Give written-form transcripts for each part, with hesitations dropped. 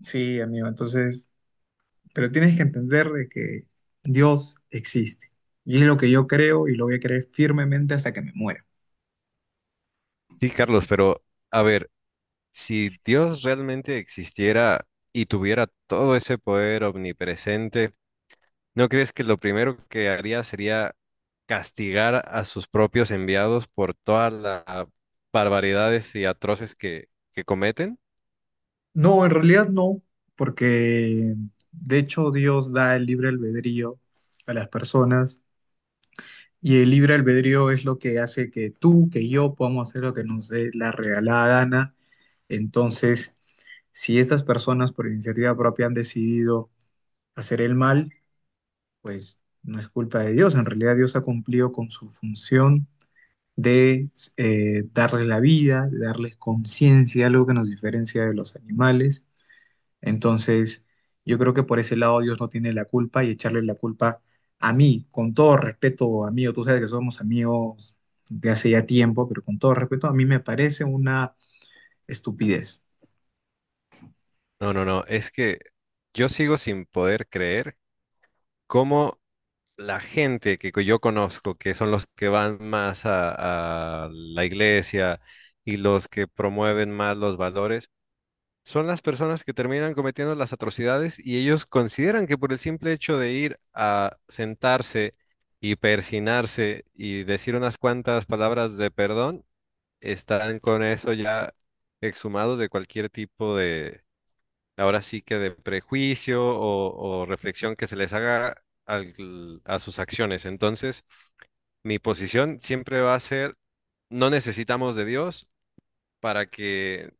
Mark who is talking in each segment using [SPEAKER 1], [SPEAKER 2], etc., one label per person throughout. [SPEAKER 1] Sí, amigo, entonces, pero tienes que entender de que Dios existe. Y es lo que yo creo y lo voy a creer firmemente hasta que me muera.
[SPEAKER 2] Sí, Carlos, pero a ver, si Dios realmente existiera y tuviera todo ese poder omnipresente, ¿no crees que lo primero que haría sería castigar a sus propios enviados por todas las barbaridades y atroces que cometen?
[SPEAKER 1] No, en realidad no, porque de hecho Dios da el libre albedrío a las personas y el libre albedrío es lo que hace que tú, que yo podamos hacer lo que nos dé la regalada gana. Entonces, si estas personas por iniciativa propia han decidido hacer el mal, pues no es culpa de Dios. En realidad Dios ha cumplido con su función de darles la vida, de darles conciencia, algo que nos diferencia de los animales. Entonces, yo creo que por ese lado Dios no tiene la culpa y echarle la culpa a mí, con todo respeto, amigo, tú sabes que somos amigos de hace ya tiempo, pero con todo respeto, a mí me parece una estupidez.
[SPEAKER 2] No, no, no, es que yo sigo sin poder creer cómo la gente que yo conozco, que son los que van más a la iglesia y los que promueven más los valores, son las personas que terminan cometiendo las atrocidades y ellos consideran que por el simple hecho de ir a sentarse y persinarse y decir unas cuantas palabras de perdón, están con eso ya exhumados de cualquier tipo de, ahora sí que de prejuicio o reflexión que se les haga a sus acciones. Entonces, mi posición siempre va a ser, no necesitamos de Dios para que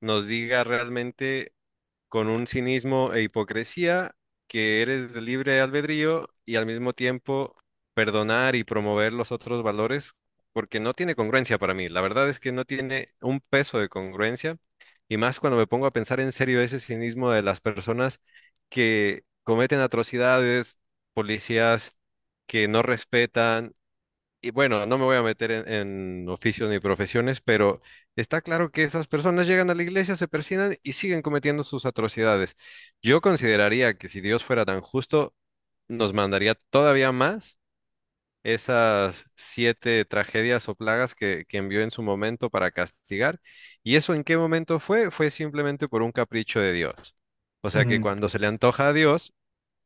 [SPEAKER 2] nos diga realmente con un cinismo e hipocresía que eres de libre albedrío y al mismo tiempo perdonar y promover los otros valores, porque no tiene congruencia para mí. La verdad es que no tiene un peso de congruencia y más cuando me pongo a pensar en serio ese cinismo de las personas que cometen atrocidades, policías que no respetan y bueno, no me voy a meter en oficios ni profesiones, pero está claro que esas personas llegan a la iglesia, se persignan y siguen cometiendo sus atrocidades. Yo consideraría que si Dios fuera tan justo, nos mandaría todavía más esas siete tragedias o plagas que envió en su momento para castigar. ¿Y eso en qué momento fue? Fue simplemente por un capricho de Dios. O sea que
[SPEAKER 1] Mm.
[SPEAKER 2] cuando se le antoja a Dios,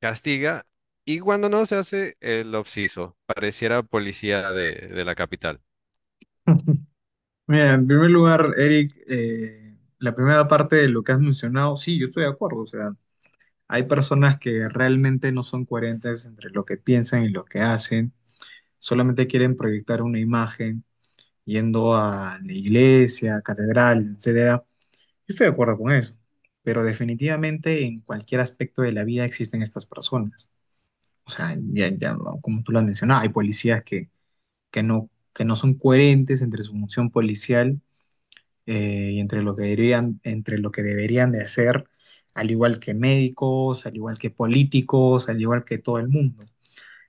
[SPEAKER 2] castiga. Y cuando no se hace el obsiso, pareciera policía de la capital.
[SPEAKER 1] Mira, en primer lugar, Eric, la primera parte de lo que has mencionado, sí, yo estoy de acuerdo, o sea, hay personas que realmente no son coherentes entre lo que piensan y lo que hacen, solamente quieren proyectar una imagen yendo a la iglesia, catedrales, etcétera. Yo estoy de acuerdo con eso, pero definitivamente en cualquier aspecto de la vida existen estas personas. O sea, ya, ya, no, como tú lo has mencionado, hay policías que, que no son coherentes entre su función policial y entre lo que deberían, entre lo que deberían de hacer, al igual que médicos, al igual que políticos, al igual que todo el mundo.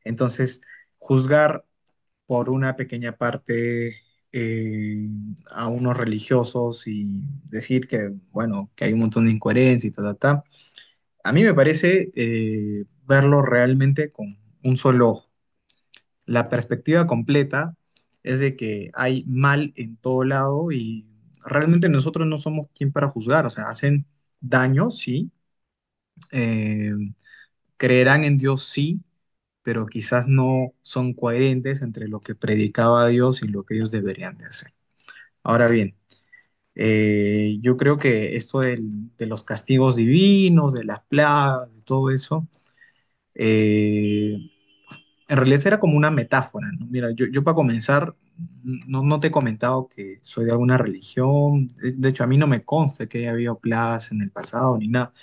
[SPEAKER 1] Entonces, juzgar por una pequeña parte eh, a unos religiosos y decir que, bueno, que hay un montón de incoherencia y ta, ta, ta, a mí me parece verlo realmente con un solo ojo. La perspectiva completa es de que hay mal en todo lado y realmente nosotros no somos quien para juzgar, o sea, hacen daño, sí, eh, creerán en Dios, sí, pero quizás no son coherentes entre lo que predicaba Dios y lo que ellos deberían de hacer. Ahora bien, yo creo que esto de los castigos divinos, de las plagas, de todo eso, eh, en realidad era como una metáfora, ¿no? Mira, yo para comenzar, no, no te he comentado que soy de alguna religión, de hecho a mí no me consta que haya habido plagas en el pasado ni nada,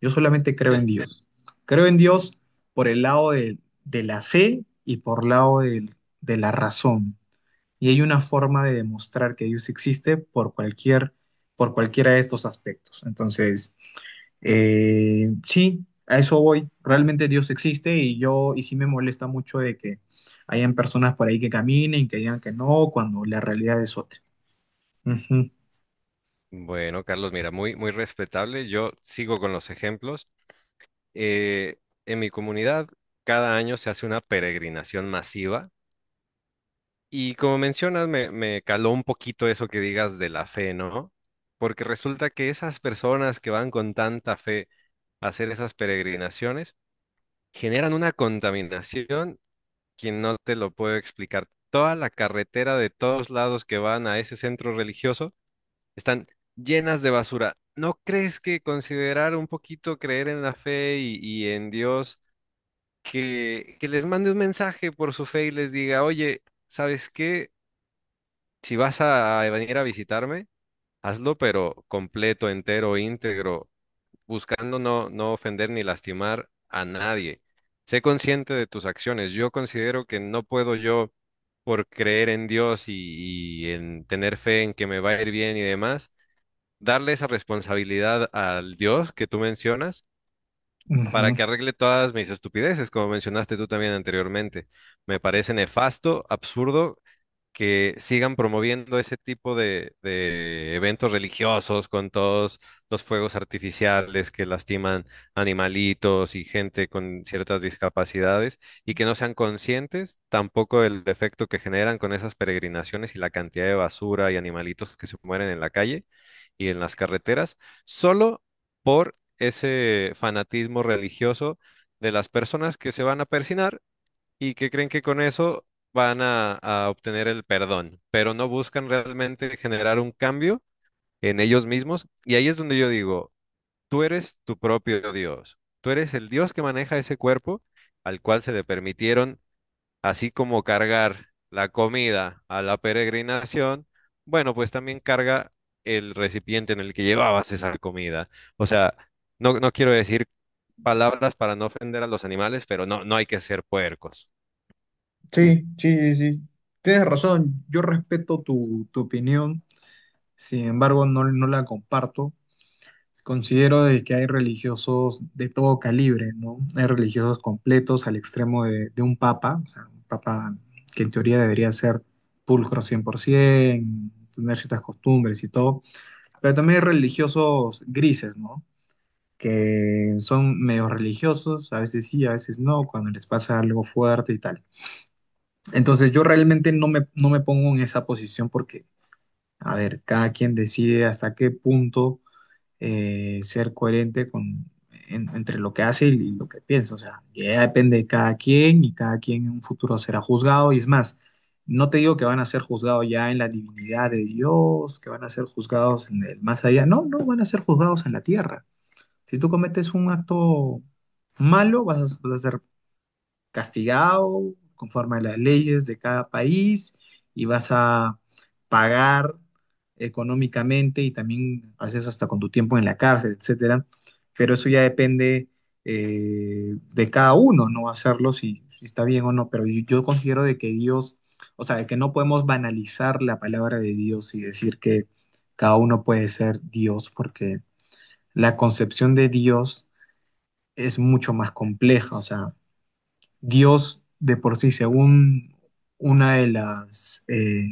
[SPEAKER 1] yo solamente creo en Dios. Creo en Dios por el lado de la fe y por el lado de la razón. Y hay una forma de demostrar que Dios existe por cualquier, por cualquiera de estos aspectos. Entonces, sí, a eso voy. Realmente Dios existe y yo, y sí me molesta mucho de que hayan personas por ahí que caminen, que digan que no, cuando la realidad es otra. Ujú,
[SPEAKER 2] Bueno, Carlos, mira, muy respetable. Yo sigo con los ejemplos. Eh, en mi comunidad, cada año se hace una peregrinación masiva y como mencionas, me caló un poquito eso que digas de la fe, ¿no? Porque resulta que esas personas que van con tanta fe a hacer esas peregrinaciones generan una contaminación quien no te lo puedo explicar. Toda la carretera de todos lados que van a ese centro religioso están llenas de basura. ¿No crees que considerar un poquito creer en la fe y en Dios, que les mande un mensaje por su fe y les diga, oye, ¿sabes qué? Si vas a venir a visitarme, hazlo, pero completo, entero, íntegro, buscando no, no ofender ni lastimar a nadie. Sé consciente de tus acciones. Yo considero que no puedo yo, por creer en Dios y en tener fe en que me va a ir bien y demás darle esa responsabilidad al Dios que tú mencionas para
[SPEAKER 1] ujú.
[SPEAKER 2] que arregle todas mis estupideces, como mencionaste tú también anteriormente. Me parece nefasto, absurdo que sigan promoviendo ese tipo de eventos religiosos con todos los fuegos artificiales que lastiman animalitos y gente con ciertas discapacidades y que no sean conscientes tampoco del efecto que generan con esas peregrinaciones y la cantidad de basura y animalitos que se mueren en la calle y en las carreteras, solo por ese fanatismo religioso de las personas que se van a persinar y que creen que con eso van a obtener el perdón, pero no buscan realmente generar un cambio en ellos mismos. Y ahí es donde yo digo, tú eres tu propio Dios, tú eres el Dios que maneja ese cuerpo al cual se le permitieron, así como cargar la comida a la peregrinación, bueno, pues también carga el recipiente en el que llevabas esa comida. O sea, no, no quiero decir palabras para no ofender a los animales, pero no, no hay que ser puercos.
[SPEAKER 1] Sí, sí, sí, sí. Tienes razón, yo respeto tu opinión, sin embargo no, no la comparto. Considero de que hay religiosos de todo calibre, ¿no? Hay religiosos completos al extremo de un papa, o sea, un papa que en teoría debería ser pulcro 100%, tener ciertas costumbres y todo, pero también hay religiosos grises, ¿no? Que son medio religiosos, a veces sí, a veces no, cuando les pasa algo fuerte y tal. Entonces yo realmente no me, no me pongo en esa posición porque, a ver, cada quien decide hasta qué punto ser coherente con, entre lo que hace y, lo que piensa. O sea, ya depende de cada quien y cada quien en un futuro será juzgado. Y es más, no te digo que van a ser juzgados ya en la divinidad de Dios, que van a ser juzgados en el más allá. No, no van a ser juzgados en la tierra. Si tú cometes un acto malo, vas a ser castigado conforme a las leyes de cada país y vas a pagar económicamente y también a veces hasta con tu tiempo en la cárcel, etcétera. Pero eso ya depende de cada uno, no hacerlo si, si está bien o no. Pero yo considero de que Dios, o sea, de que no podemos banalizar la palabra de Dios y decir que cada uno puede ser Dios, porque la concepción de Dios es mucho más compleja, o sea, Dios de por sí, según una de las,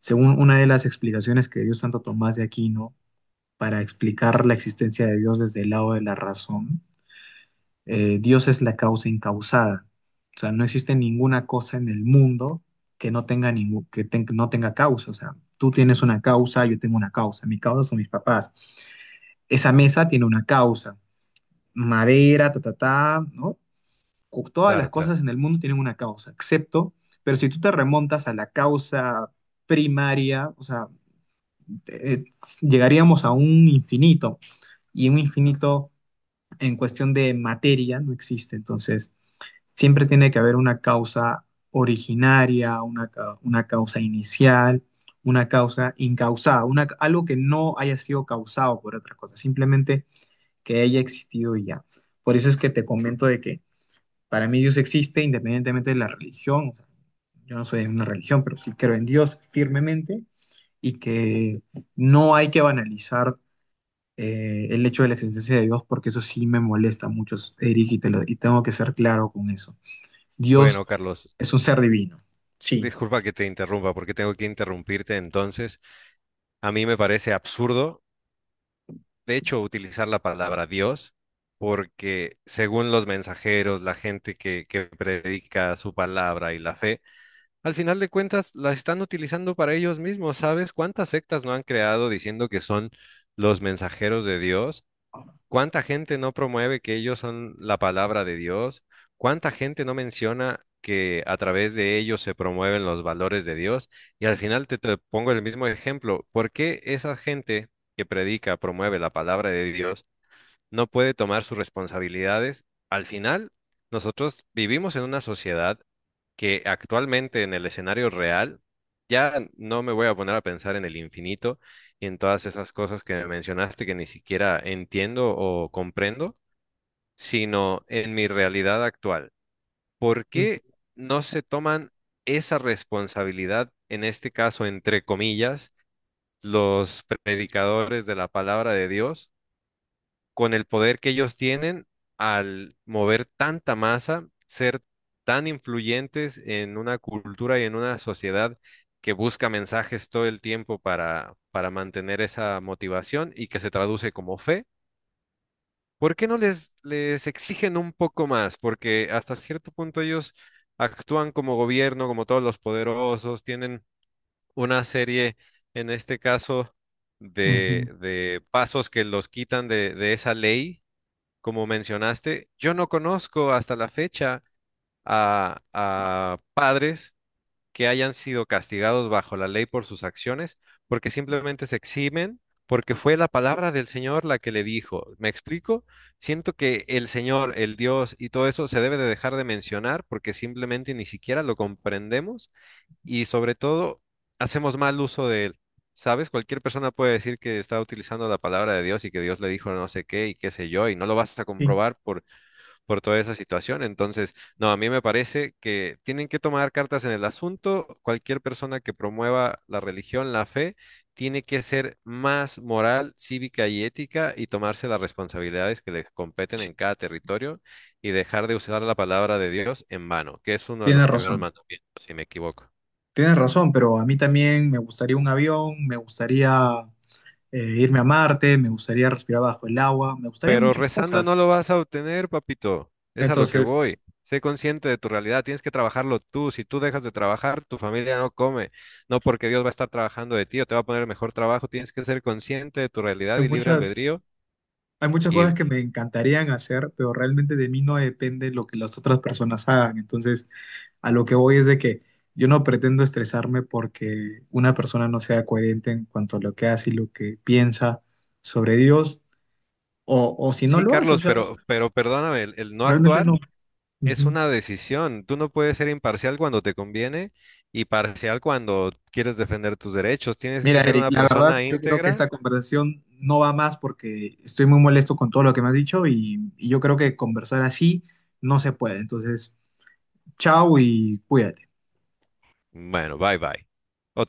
[SPEAKER 1] según una de las explicaciones que dio Santo Tomás de Aquino para explicar la existencia de Dios desde el lado de la razón, Dios es la causa incausada. O sea, no existe ninguna cosa en el mundo que no tenga, ningún, no tenga causa. O sea, tú tienes una causa, yo tengo una causa. Mi causa son mis papás. Esa mesa tiene una causa. Madera, ta, ta, ta, ¿no? Todas las
[SPEAKER 2] Claro, claro.
[SPEAKER 1] cosas en el mundo tienen una causa, excepto, pero si tú te remontas a la causa primaria, o sea, eh, llegaríamos a un infinito y un infinito en cuestión de materia no existe. Entonces, siempre tiene que haber una causa originaria, una, una causa inicial, una causa incausada, una, algo que no haya sido causado por otra cosa, simplemente que haya existido y ya. Por eso es que te comento de que para mí Dios existe independientemente de la religión. O sea, yo no soy de una religión, pero sí creo en Dios firmemente y que no hay que banalizar el hecho de la existencia de Dios porque eso sí me molesta mucho, Eric, y tengo que ser claro con eso.
[SPEAKER 2] Bueno,
[SPEAKER 1] Dios
[SPEAKER 2] Carlos,
[SPEAKER 1] es un ser divino, sí.
[SPEAKER 2] disculpa que te interrumpa, porque tengo que interrumpirte entonces. A mí me parece absurdo, de hecho, utilizar la palabra Dios, porque según los mensajeros, la gente que predica su palabra y la fe, al final de cuentas la están utilizando para ellos mismos. ¿Sabes cuántas sectas no han creado diciendo que son los mensajeros de Dios? ¿Cuánta gente no promueve que ellos son la palabra de Dios? ¿Cuánta gente no menciona que a través de ellos se promueven los valores de Dios? Y al final te pongo el mismo ejemplo. ¿Por qué esa gente que predica, promueve la palabra de Dios? No puede tomar sus responsabilidades. Al final, nosotros vivimos en una sociedad que actualmente en el escenario real, ya no me voy a poner a pensar en el infinito y en todas esas cosas que mencionaste que ni siquiera entiendo o comprendo, sino en mi realidad actual. ¿Por qué
[SPEAKER 1] Ujú.
[SPEAKER 2] no se toman esa responsabilidad, en este caso, entre comillas, los predicadores de la palabra de Dios con el poder que ellos tienen al mover tanta masa, ser tan influyentes en una cultura y en una sociedad que busca mensajes todo el tiempo para mantener esa motivación y que se traduce como fe? ¿Por qué no les exigen un poco más? Porque hasta cierto punto ellos actúan como gobierno, como todos los poderosos, tienen una serie, en este caso, de,
[SPEAKER 1] Ujú,
[SPEAKER 2] de pasos que los quitan de esa ley como mencionaste, yo no conozco hasta la fecha a padres que hayan sido castigados bajo la ley por sus acciones, porque simplemente se eximen, porque fue la palabra del Señor la que le dijo. ¿Me explico? Siento que el Señor, el Dios y todo eso se debe de dejar de mencionar porque simplemente ni siquiera lo comprendemos y sobre todo hacemos mal uso de él. ¿Sabes? Cualquier persona puede decir que está utilizando la palabra de Dios y que Dios le dijo no sé qué y qué sé yo, y no lo vas a
[SPEAKER 1] sí,
[SPEAKER 2] comprobar por toda esa situación. Entonces, no, a mí me parece que tienen que tomar cartas en el asunto. Cualquier persona que promueva la religión, la fe, tiene que ser más moral, cívica y ética y tomarse las responsabilidades que les competen
[SPEAKER 1] sí,
[SPEAKER 2] en cada territorio y dejar de usar la palabra de Dios en vano, que es uno de
[SPEAKER 1] tienes
[SPEAKER 2] los primeros
[SPEAKER 1] razón.
[SPEAKER 2] mandamientos, si me equivoco.
[SPEAKER 1] Tienes razón, pero a mí también me gustaría un avión, me gustaría irme a Marte, me gustaría respirar bajo el agua, me gustaría
[SPEAKER 2] Pero
[SPEAKER 1] muchas
[SPEAKER 2] rezando
[SPEAKER 1] cosas.
[SPEAKER 2] no lo vas a obtener, papito. Es a lo que
[SPEAKER 1] Entonces,
[SPEAKER 2] voy. Sé consciente de tu realidad. Tienes que trabajarlo tú. Si tú dejas de trabajar, tu familia no come. No porque Dios va a estar trabajando de ti o te va a poner mejor trabajo. Tienes que ser consciente de tu realidad
[SPEAKER 1] Hay
[SPEAKER 2] y libre
[SPEAKER 1] muchas,
[SPEAKER 2] albedrío.
[SPEAKER 1] hay muchas
[SPEAKER 2] Y
[SPEAKER 1] cosas que me encantarían hacer, pero realmente de mí no depende lo que las otras personas hagan. Entonces, a lo que voy es de que yo no pretendo estresarme porque una persona no sea coherente en cuanto a lo que hace y lo que piensa sobre Dios, o si no
[SPEAKER 2] sí,
[SPEAKER 1] lo hace, o
[SPEAKER 2] Carlos,
[SPEAKER 1] sea,
[SPEAKER 2] pero perdóname, el no
[SPEAKER 1] realmente
[SPEAKER 2] actuar
[SPEAKER 1] no.
[SPEAKER 2] es
[SPEAKER 1] Ujú.
[SPEAKER 2] una decisión. Tú no puedes ser imparcial cuando te conviene y parcial cuando quieres defender tus derechos. Tienes que
[SPEAKER 1] Mira,
[SPEAKER 2] ser
[SPEAKER 1] Eric,
[SPEAKER 2] una
[SPEAKER 1] la verdad,
[SPEAKER 2] persona
[SPEAKER 1] yo creo que esta
[SPEAKER 2] íntegra.
[SPEAKER 1] conversación no va más porque estoy muy molesto con todo lo que me has dicho y yo creo que conversar así no se puede. Entonces, chao y cuídate.
[SPEAKER 2] Bueno, bye bye. Otro.